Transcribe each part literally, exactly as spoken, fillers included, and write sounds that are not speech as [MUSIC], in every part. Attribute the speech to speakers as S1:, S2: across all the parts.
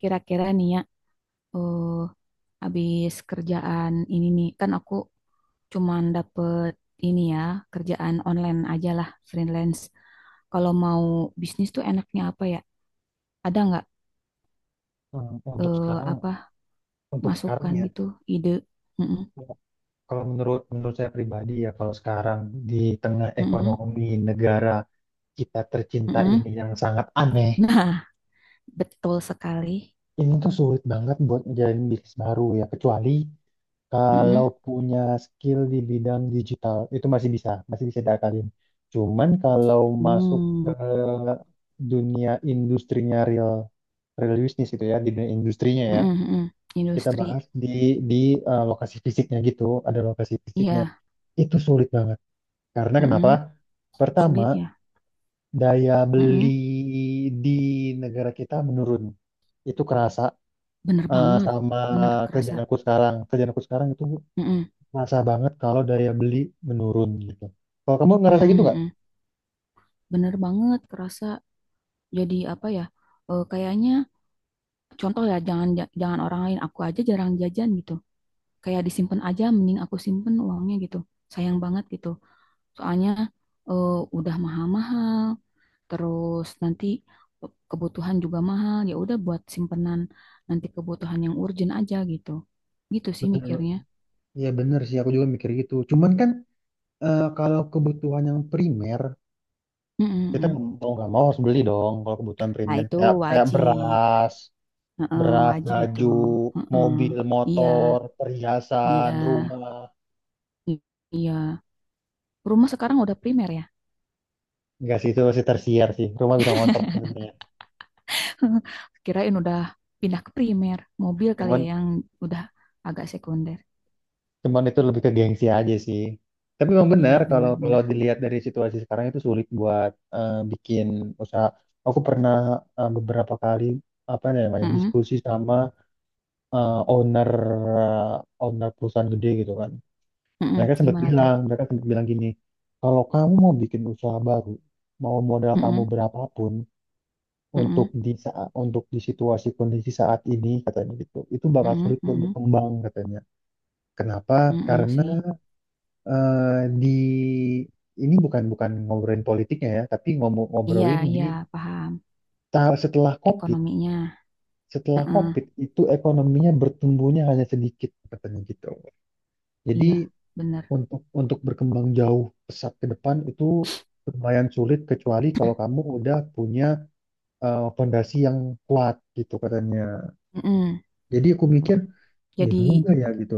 S1: Kira-kira nih ya, eh habis kerjaan ini nih, kan aku cuman dapet ini ya, kerjaan online aja lah, freelance. Kalau mau bisnis tuh enaknya apa ya? Ada nggak
S2: Hmm, Untuk
S1: eh
S2: sekarang,
S1: apa
S2: untuk sekarang
S1: masukan
S2: ya,
S1: gitu, ide? Mm-mm,
S2: kalau menurut menurut saya pribadi ya, kalau sekarang di tengah
S1: mm-mm,
S2: ekonomi negara kita tercinta
S1: mm-mm.
S2: ini yang sangat aneh,
S1: Nah, betul sekali.
S2: ini tuh sulit banget buat ngejalin bisnis baru ya, kecuali kalau
S1: Mm-mm.
S2: punya skill di bidang digital itu masih bisa, masih bisa diakalin. Cuman kalau masuk ke
S1: Hmm,
S2: dunia industrinya real real business itu ya, di dunia industrinya ya,
S1: mm-mm, mm-mm.
S2: kita
S1: Industri,
S2: bahas di di eh, lokasi fisiknya gitu, ada lokasi fisiknya.
S1: iya,
S2: Itu sulit banget. Karena
S1: mm-mm.
S2: kenapa? Pertama,
S1: Sulit ya,
S2: daya beli
S1: mm-mm.
S2: di negara kita menurun. Itu kerasa
S1: Bener
S2: eh,
S1: banget,
S2: sama
S1: bener kerasa.
S2: kerjaan aku sekarang. Kerjaan aku sekarang itu
S1: Mm-mm,
S2: kerasa banget kalau daya beli menurun gitu. Kalau kamu ngerasa gitu
S1: mm-mm,
S2: nggak?
S1: mm-mm. Bener banget, kerasa jadi apa ya? eh, kayaknya contoh ya, jangan ja- jangan orang lain, aku aja jarang jajan gitu. Kayak disimpan aja, mending aku simpen uangnya gitu. Sayang banget gitu. Soalnya eh, udah mahal-mahal, terus nanti pe- kebutuhan juga mahal. Ya udah buat simpenan nanti kebutuhan yang urgent aja gitu. Gitu sih
S2: Betul.
S1: mikirnya.
S2: Ya bener sih, aku juga mikir gitu. Cuman kan eh, kalau kebutuhan yang primer, kita
S1: Mm-mm-mm.
S2: mau nggak mau harus beli dong kalau kebutuhan
S1: Nah
S2: primer.
S1: itu
S2: Kayak, kayak
S1: wajib,
S2: beras,
S1: heeh,
S2: beras,
S1: wajib itu.
S2: baju,
S1: Heeh.
S2: mobil,
S1: Iya,
S2: motor, perhiasan,
S1: iya,
S2: rumah.
S1: i- iya. Rumah sekarang udah primer ya.
S2: Enggak sih, itu masih tersiar sih. Rumah bisa ngontrak sebenarnya.
S1: [LAUGHS] Kirain udah pindah ke primer. Mobil kali
S2: Cuman,
S1: ya yang udah agak sekunder.
S2: cuman itu lebih ke gengsi aja sih. Tapi memang benar
S1: Iya
S2: kalau kalau
S1: bener-bener.
S2: dilihat dari situasi sekarang itu sulit buat eh, bikin usaha. Aku pernah eh, beberapa kali apa namanya
S1: Mm-mm,
S2: diskusi sama eh, owner eh, owner perusahaan gede gitu kan.
S1: mm-mm.
S2: Mereka sempat
S1: Gimana tuh?
S2: bilang, mereka sempat bilang gini, kalau kamu mau bikin usaha baru, mau modal kamu
S1: Mm-mm,
S2: berapapun, untuk
S1: mm-mm,
S2: di saat untuk di situasi kondisi saat ini katanya gitu itu bakal
S1: mm-mm,
S2: sulit buat
S1: mm-mm,
S2: berkembang katanya. Kenapa?
S1: mm-mm
S2: Karena
S1: sih.
S2: eh, di ini bukan bukan ngobrolin politiknya ya, tapi ngomong
S1: Iya,
S2: ngobrolin di
S1: iya, paham.
S2: ta- setelah COVID
S1: Ekonominya.
S2: setelah
S1: Mm-mm,
S2: COVID itu ekonominya bertumbuhnya hanya sedikit katanya gitu. Jadi
S1: iya, bener.
S2: untuk untuk berkembang jauh pesat ke depan itu lumayan sulit, kecuali kalau kamu udah punya eh, fondasi yang kuat gitu katanya.
S1: Mm-mm.
S2: Jadi aku mikir, iya
S1: Jadi,
S2: juga ya gitu.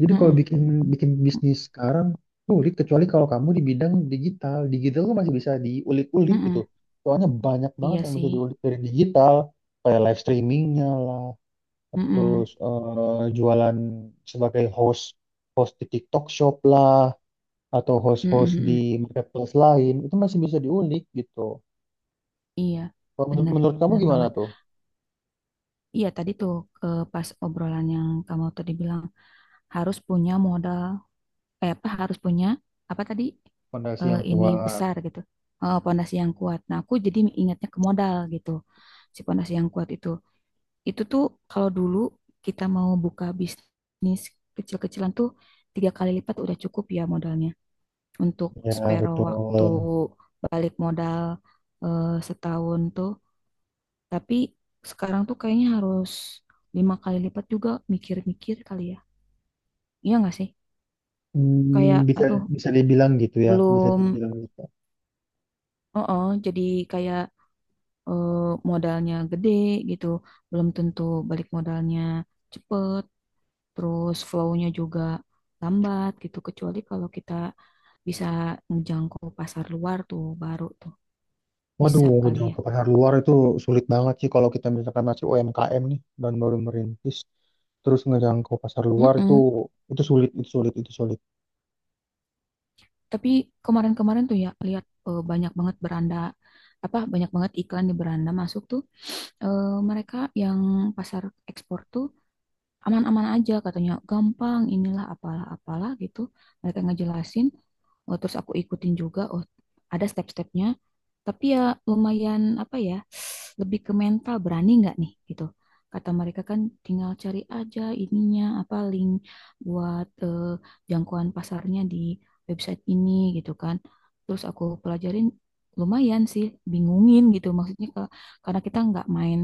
S2: Jadi kalau
S1: mm-mm,
S2: bikin bikin bisnis sekarang sulit kecuali kalau kamu di bidang digital. Digital tuh masih bisa diulik-ulik gitu.
S1: mm-mm.
S2: Soalnya banyak banget
S1: Iya
S2: yang bisa
S1: sih.
S2: diulik dari digital, kayak live streamingnya lah,
S1: Mm-mm,
S2: terus eh, jualan sebagai host host di TikTok Shop lah, atau
S1: mm-mm,
S2: host-host
S1: mm-mm.
S2: di marketplace lain itu masih bisa diulik gitu.
S1: Iya,
S2: Kalau menurut,
S1: bener.
S2: menurut kamu
S1: Bener
S2: gimana
S1: banget.
S2: tuh?
S1: Iya, tadi tuh eh, pas obrolan yang kamu tadi bilang harus punya modal, eh, apa harus punya apa tadi,
S2: Fondasi
S1: eh,
S2: yang
S1: ini
S2: kuat.
S1: besar gitu, eh, pondasi yang kuat, nah aku jadi ingatnya ke modal gitu. Si pondasi yang kuat itu itu tuh kalau dulu kita mau buka bisnis kecil-kecilan tuh tiga kali lipat udah cukup ya modalnya untuk
S2: Ya
S1: spare waktu
S2: betul.
S1: balik modal eh, setahun tuh, tapi sekarang tuh kayaknya harus lima kali lipat juga mikir-mikir kali ya, iya nggak sih, kayak
S2: Hmm, bisa
S1: aduh
S2: bisa dibilang gitu ya, bisa
S1: belum.
S2: dibilang gitu.
S1: Oh, oh, jadi kayak eh, modalnya gede gitu, belum tentu balik modalnya cepet, terus flow-nya juga lambat gitu, kecuali kalau kita bisa menjangkau pasar luar tuh baru tuh bisa
S2: Waduh,
S1: kali
S2: jauh
S1: ya.
S2: ke pasar luar itu sulit banget sih kalau kita misalkan masih U M K M nih dan baru merintis, terus ngejangkau pasar luar itu
S1: Mm-mm.
S2: itu sulit, itu sulit, itu sulit.
S1: Tapi kemarin-kemarin tuh ya lihat eh, banyak banget beranda, apa banyak banget iklan di beranda masuk tuh, eh, mereka yang pasar ekspor tuh aman-aman aja katanya, gampang inilah apalah apalah gitu, mereka ngejelasin. Oh, terus aku ikutin juga. Oh, ada step-stepnya, tapi ya lumayan apa ya, lebih ke mental berani nggak nih gitu. Kata mereka kan tinggal cari aja ininya apa link buat eh, jangkauan pasarnya di website ini gitu kan. Terus aku pelajarin lumayan sih, bingungin gitu maksudnya ke- karena kita nggak main,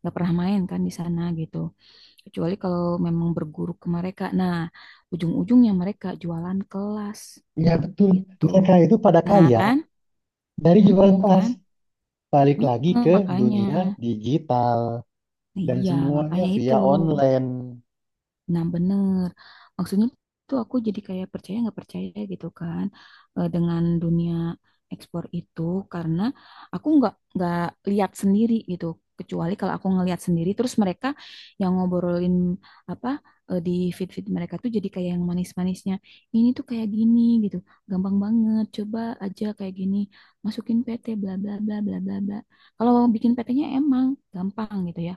S1: nggak pernah main kan di sana gitu. Kecuali kalau memang berguru ke mereka. Nah, ujung-ujungnya mereka jualan kelas
S2: Iya betul,
S1: gitu.
S2: mereka itu pada
S1: Nah
S2: kaya
S1: kan,
S2: dari jualan
S1: mm
S2: tas.
S1: kan.
S2: Balik lagi
S1: Heeh,
S2: ke
S1: makanya.
S2: dunia
S1: Nah,
S2: digital dan
S1: iya,
S2: semuanya
S1: makanya itu.
S2: via online.
S1: Nah, bener. Maksudnya tuh aku jadi kayak percaya nggak percaya gitu kan, eh, dengan dunia ekspor itu karena aku nggak nggak lihat sendiri gitu. Kecuali kalau aku ngelihat sendiri, terus mereka yang ngobrolin apa, eh, di feed-feed mereka tuh jadi kayak yang manis-manisnya. Ini tuh kayak gini gitu, gampang banget. Coba aja kayak gini, masukin P T bla bla bla bla bla bla. Kalau bikin P T-nya emang gampang gitu ya.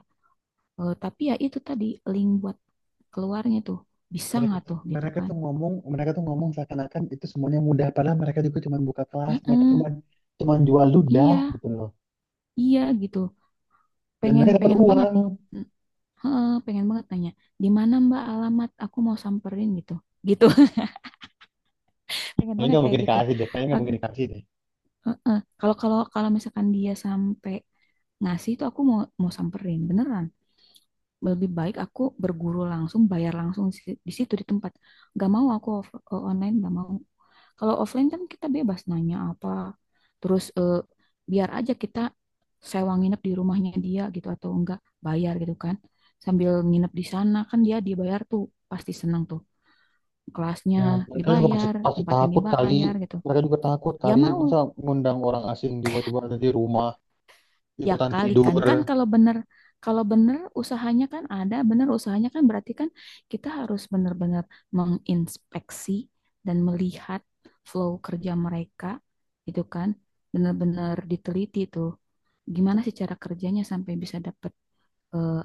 S1: Eh, tapi ya itu tadi link buat keluarnya tuh bisa
S2: Mereka
S1: nggak
S2: tuh,
S1: tuh gitu
S2: mereka
S1: kan?
S2: tuh ngomong, mereka tuh ngomong seakan-akan itu semuanya mudah, padahal mereka juga cuma buka kelas, mereka
S1: Heeh,
S2: cuma cuma jual ludah
S1: iya,
S2: gitu loh.
S1: iya gitu.
S2: Dan
S1: Pengen
S2: mereka dapat
S1: pengen banget,
S2: uang.
S1: mm, heeh, pengen banget nanya di mana Mbak alamat, aku mau samperin gitu, gitu. [LAUGHS] Pengen
S2: Kayaknya
S1: banget
S2: nggak
S1: kayak
S2: mungkin
S1: gitu.
S2: dikasih deh, kayaknya nggak mungkin
S1: Ak-
S2: dikasih deh.
S1: Heeh. Kalau kalau kalau misalkan dia sampai ngasih itu aku mau mau samperin beneran. Lebih baik aku berguru langsung, bayar langsung si- di situ di tempat. Gak mau aku off- online, gak mau. Kalau offline kan kita bebas nanya apa. Terus eh, biar aja kita sewa nginep di rumahnya dia gitu atau enggak bayar gitu kan. Sambil nginep di sana kan dia dibayar tuh pasti senang tuh. Kelasnya
S2: Ya mereka juga pasti,
S1: dibayar,
S2: pasti
S1: tempatnya
S2: takut kali,
S1: dibayar gitu.
S2: mereka juga takut
S1: Ya
S2: kali masa
S1: mau.
S2: ngundang orang asing tiba-tiba ada di rumah
S1: Ya
S2: ikutan tidur.
S1: kalikan kan kan kalau bener kalau bener usahanya kan ada, bener usahanya kan berarti kan kita harus bener-bener menginspeksi dan melihat flow kerja mereka gitu kan. Bener-bener diteliti tuh. Gimana sih cara kerjanya sampai bisa dapet eh,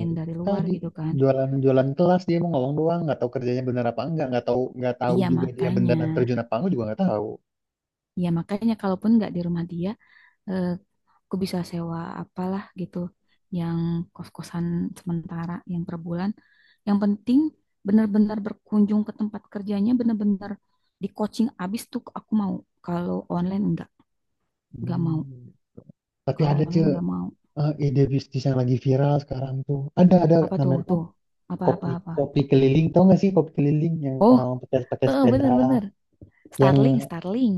S2: Ya,
S1: dari luar
S2: tadi
S1: gitu kan.
S2: jualan-jualan kelas, dia mau ngomong doang, nggak tahu kerjanya benar apa enggak, nggak tahu, nggak tahu
S1: Iya
S2: juga dia
S1: makanya.
S2: beneran terjun apa enggak juga nggak tahu.
S1: Iya makanya kalaupun nggak di rumah dia, eh, aku bisa sewa apalah gitu yang kos-kosan sementara yang per bulan, yang penting benar-benar berkunjung ke tempat kerjanya, benar-benar di coaching abis tuh aku mau. Kalau online enggak enggak mau.
S2: Hmm. Tapi
S1: Kalau
S2: ada cuy
S1: online enggak mau.
S2: eh, ide bisnis yang lagi viral sekarang tuh. Ada ada
S1: Apa tuh
S2: namanya tuh
S1: tuh apa apa
S2: kopi
S1: apa.
S2: kopi keliling. Tau gak sih kopi keliling yang
S1: Oh,
S2: orang pakai pakai
S1: eh
S2: sepeda,
S1: bener-bener Starling,
S2: yang,
S1: Starling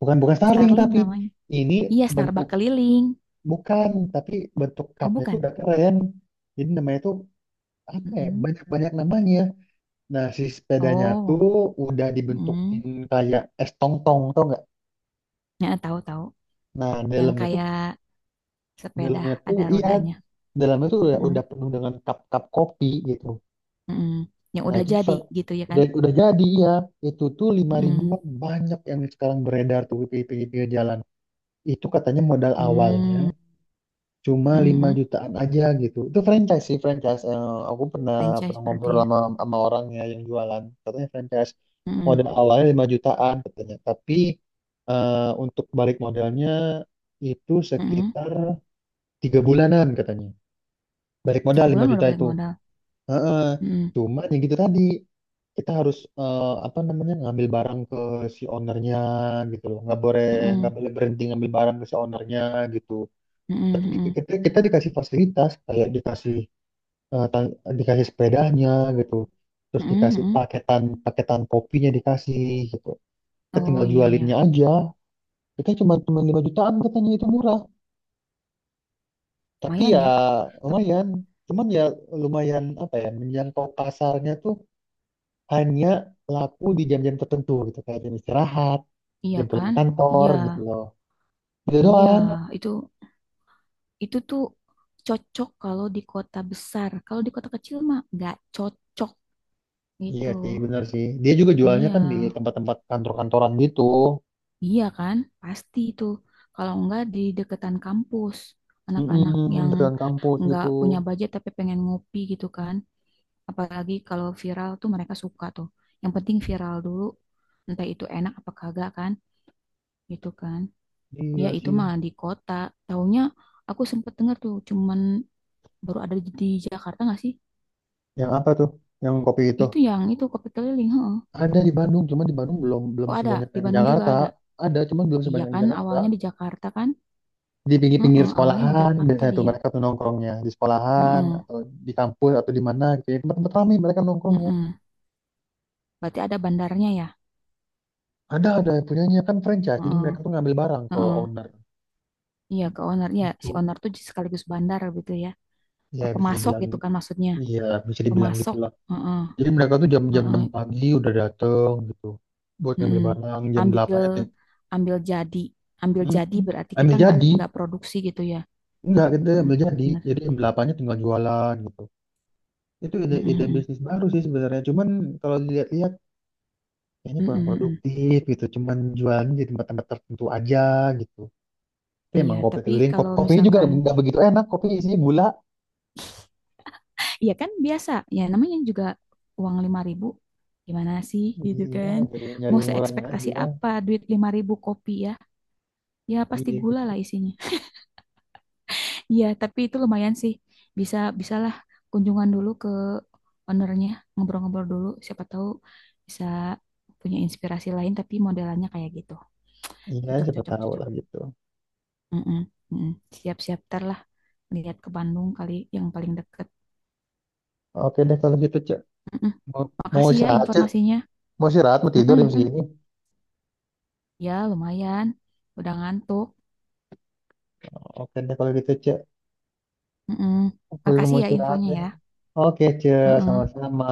S2: Bukan bukan Starling,
S1: Starling
S2: tapi
S1: namanya,
S2: ini
S1: iya,
S2: bentuk,
S1: Starbucks keliling.
S2: bukan, tapi bentuk
S1: Oh
S2: cupnya itu
S1: bukan.
S2: udah keren. Jadi namanya tuh apa ya?
S1: Mm-mm.
S2: Banyak-banyak namanya. Nah, si sepedanya
S1: Oh,
S2: tuh udah dibentukin
S1: mm.
S2: kayak es tong-tong, tau nggak?
S1: Ya, tahu tahu
S2: Nah,
S1: yang
S2: dalamnya tuh
S1: kayak sepeda
S2: dalamnya tuh
S1: ada
S2: iya,
S1: rodanya.
S2: dalamnya tuh udah,
S1: Mm.
S2: udah penuh dengan cup-cup kopi gitu.
S1: Mm-mm. Yang
S2: Nah,
S1: udah
S2: itu tuh
S1: jadi
S2: sa-
S1: gitu ya kan?
S2: udah udah jadi ya. Itu tuh lima
S1: Mm-mm.
S2: ribuan banyak yang sekarang beredar tuh di pinggir-pinggir jalan. Itu katanya modal awalnya
S1: Hmm.
S2: cuma lima
S1: Mm-mm.
S2: jutaan aja gitu. Itu franchise sih, franchise. Eh, aku pernah
S1: Franchise
S2: pernah
S1: berarti
S2: ngobrol
S1: ya.
S2: sama, sama orangnya yang jualan. Katanya franchise modal
S1: Mm-mm.
S2: awalnya lima jutaan katanya. Tapi eh, untuk balik modalnya itu
S1: Mm-mm.
S2: sekitar tiga bulanan katanya. Balik modal
S1: Tiga
S2: lima
S1: bulan
S2: juta
S1: udah balik
S2: itu.
S1: modal.
S2: Heeh.
S1: Mm-mm.
S2: Cuma ya gitu tadi, kita harus eh, apa namanya ngambil barang ke si ownernya gitu loh. Nggak boleh nggak
S1: Mm-mm.
S2: boleh berhenti ngambil barang ke si ownernya gitu.
S1: Mm-mm.
S2: Tapi kita,
S1: Mm-mm.
S2: kita dikasih fasilitas kayak dikasih eh, tan- dikasih sepedanya gitu, terus
S1: Mm-mm.
S2: dikasih
S1: Mm-mm.
S2: paketan paketan kopinya dikasih gitu. Kita
S1: Oh
S2: tinggal
S1: iya
S2: jualinnya
S1: ya,
S2: aja, kita cuma cuma lima jutaan katanya, itu murah, tapi
S1: lumayan
S2: ya
S1: ya. Tapi
S2: lumayan. Cuman ya, lumayan, apa ya, menjangkau pasarnya tuh hanya laku di jam-jam tertentu gitu, kayak jam istirahat,
S1: iya
S2: jam pulang
S1: kan?
S2: kantor
S1: Iya,
S2: gitu loh. Itu
S1: iya.
S2: doang.
S1: Itu itu tuh cocok kalau di kota besar. Kalau di kota kecil mah nggak cocok gitu.
S2: Iya sih, benar sih, dia juga jualnya
S1: Iya.
S2: kan di tempat-tempat kantor-kantoran gitu.
S1: Iya kan? Pasti itu. Kalau enggak di deketan kampus, anak-anak
S2: Mm-mm,
S1: yang
S2: dekat kampus
S1: enggak
S2: gitu.
S1: punya budget tapi pengen ngopi gitu kan. Apalagi kalau viral tuh mereka suka tuh. Yang penting viral dulu, entah itu enak apa kagak kan, gitu kan. Ya
S2: Iya
S1: itu
S2: sih.
S1: mah di kota. Taunya aku sempet denger tuh, cuman baru ada di di Jakarta nggak sih?
S2: Yang apa tuh? Yang kopi itu?
S1: Itu yang itu kopi keliling, heeh.
S2: Ada di Bandung, cuma di Bandung belum belum
S1: Oh ada,
S2: sebanyak
S1: di
S2: yang di
S1: Bandung
S2: Jakarta.
S1: juga ada.
S2: Ada, cuma belum
S1: Iya
S2: sebanyak yang di
S1: kan,
S2: Jakarta.
S1: awalnya di Jakarta kan?
S2: Di pinggir-pinggir
S1: Heeh, awalnya di
S2: sekolahan
S1: Jakarta
S2: biasanya tuh
S1: dia.
S2: mereka tuh nongkrongnya di sekolahan,
S1: Heeh.
S2: atau di kampus, atau di mana gitu. Ya. Tempat-tempat ramai mereka nongkrongnya.
S1: Mm-mm. Berarti ada bandarnya ya?
S2: Ada ada yang punyanya kan franchise, jadi
S1: Heeh,
S2: mereka tuh ngambil barang ke
S1: heeh,
S2: owner
S1: Iya ke owner. Iya, si
S2: gitu.
S1: owner tuh sekaligus bandar gitu ya.
S2: Ya
S1: Eh,
S2: bisa
S1: Pemasok
S2: dibilang,
S1: gitu kan maksudnya.
S2: iya bisa dibilang gitu
S1: Pemasok.
S2: lah.
S1: Heeh,
S2: Jadi mereka tuh jam-jam
S1: heeh,
S2: enam pagi udah dateng gitu buat ngambil
S1: heeh.
S2: barang jam
S1: Ambil
S2: delapan.
S1: ambil jadi. Ambil
S2: Hmm,
S1: jadi berarti kita
S2: ambil
S1: nggak
S2: jadi,
S1: nggak produksi gitu ya.
S2: enggak, kita
S1: Mm,
S2: ambil jadi
S1: bener.
S2: jadi ambil apanya tinggal jualan gitu. Itu ide
S1: Mm,
S2: ide
S1: mm,
S2: bisnis baru sih sebenarnya, cuman kalau dilihat-lihat kayaknya
S1: mm,
S2: kurang
S1: mm, mm, mm.
S2: produktif gitu, cuman jualan di tempat-tempat tertentu aja gitu. Tapi
S1: Iya,
S2: emang kopi
S1: tapi
S2: keliling, kopi
S1: kalau
S2: kopinya juga
S1: misalkan
S2: nggak begitu enak, kopi isinya gula,
S1: iya kan biasa ya namanya juga uang lima ribu gimana sih gitu
S2: iya
S1: kan.
S2: dari nyari
S1: Mau
S2: murahnya
S1: seekspektasi
S2: aja,
S1: apa duit lima ribu kopi ya? Ya pasti
S2: iya
S1: gula
S2: gitu,
S1: lah isinya. Iya, tapi itu lumayan sih. Bisa bisalah kunjungan dulu ke ownernya, ngobrol-ngobrol dulu. Siapa tahu bisa punya inspirasi lain, tapi modelannya kayak gitu.
S2: iya
S1: Cocok,
S2: siapa
S1: cocok,
S2: tahu
S1: cocok.
S2: lah gitu.
S1: Mm-mm, mm-mm. Siap-siap ter lah. Lihat ke Bandung kali yang paling deket.
S2: Oke deh kalau gitu, cek,
S1: Mm-mm.
S2: mau mau
S1: Makasih ya
S2: istirahat, cek,
S1: informasinya.
S2: mau istirahat, mau tidur
S1: Mm-mm,
S2: jam
S1: mm-mm.
S2: segini.
S1: Ya, lumayan. Udah ngantuk.
S2: Oke deh kalau gitu, cek.
S1: Mm-mm.
S2: Aku juga
S1: Makasih
S2: mau
S1: ya
S2: istirahat
S1: infonya
S2: deh.
S1: ya.
S2: Oke, ce,
S1: Mm-mm.
S2: sama-sama.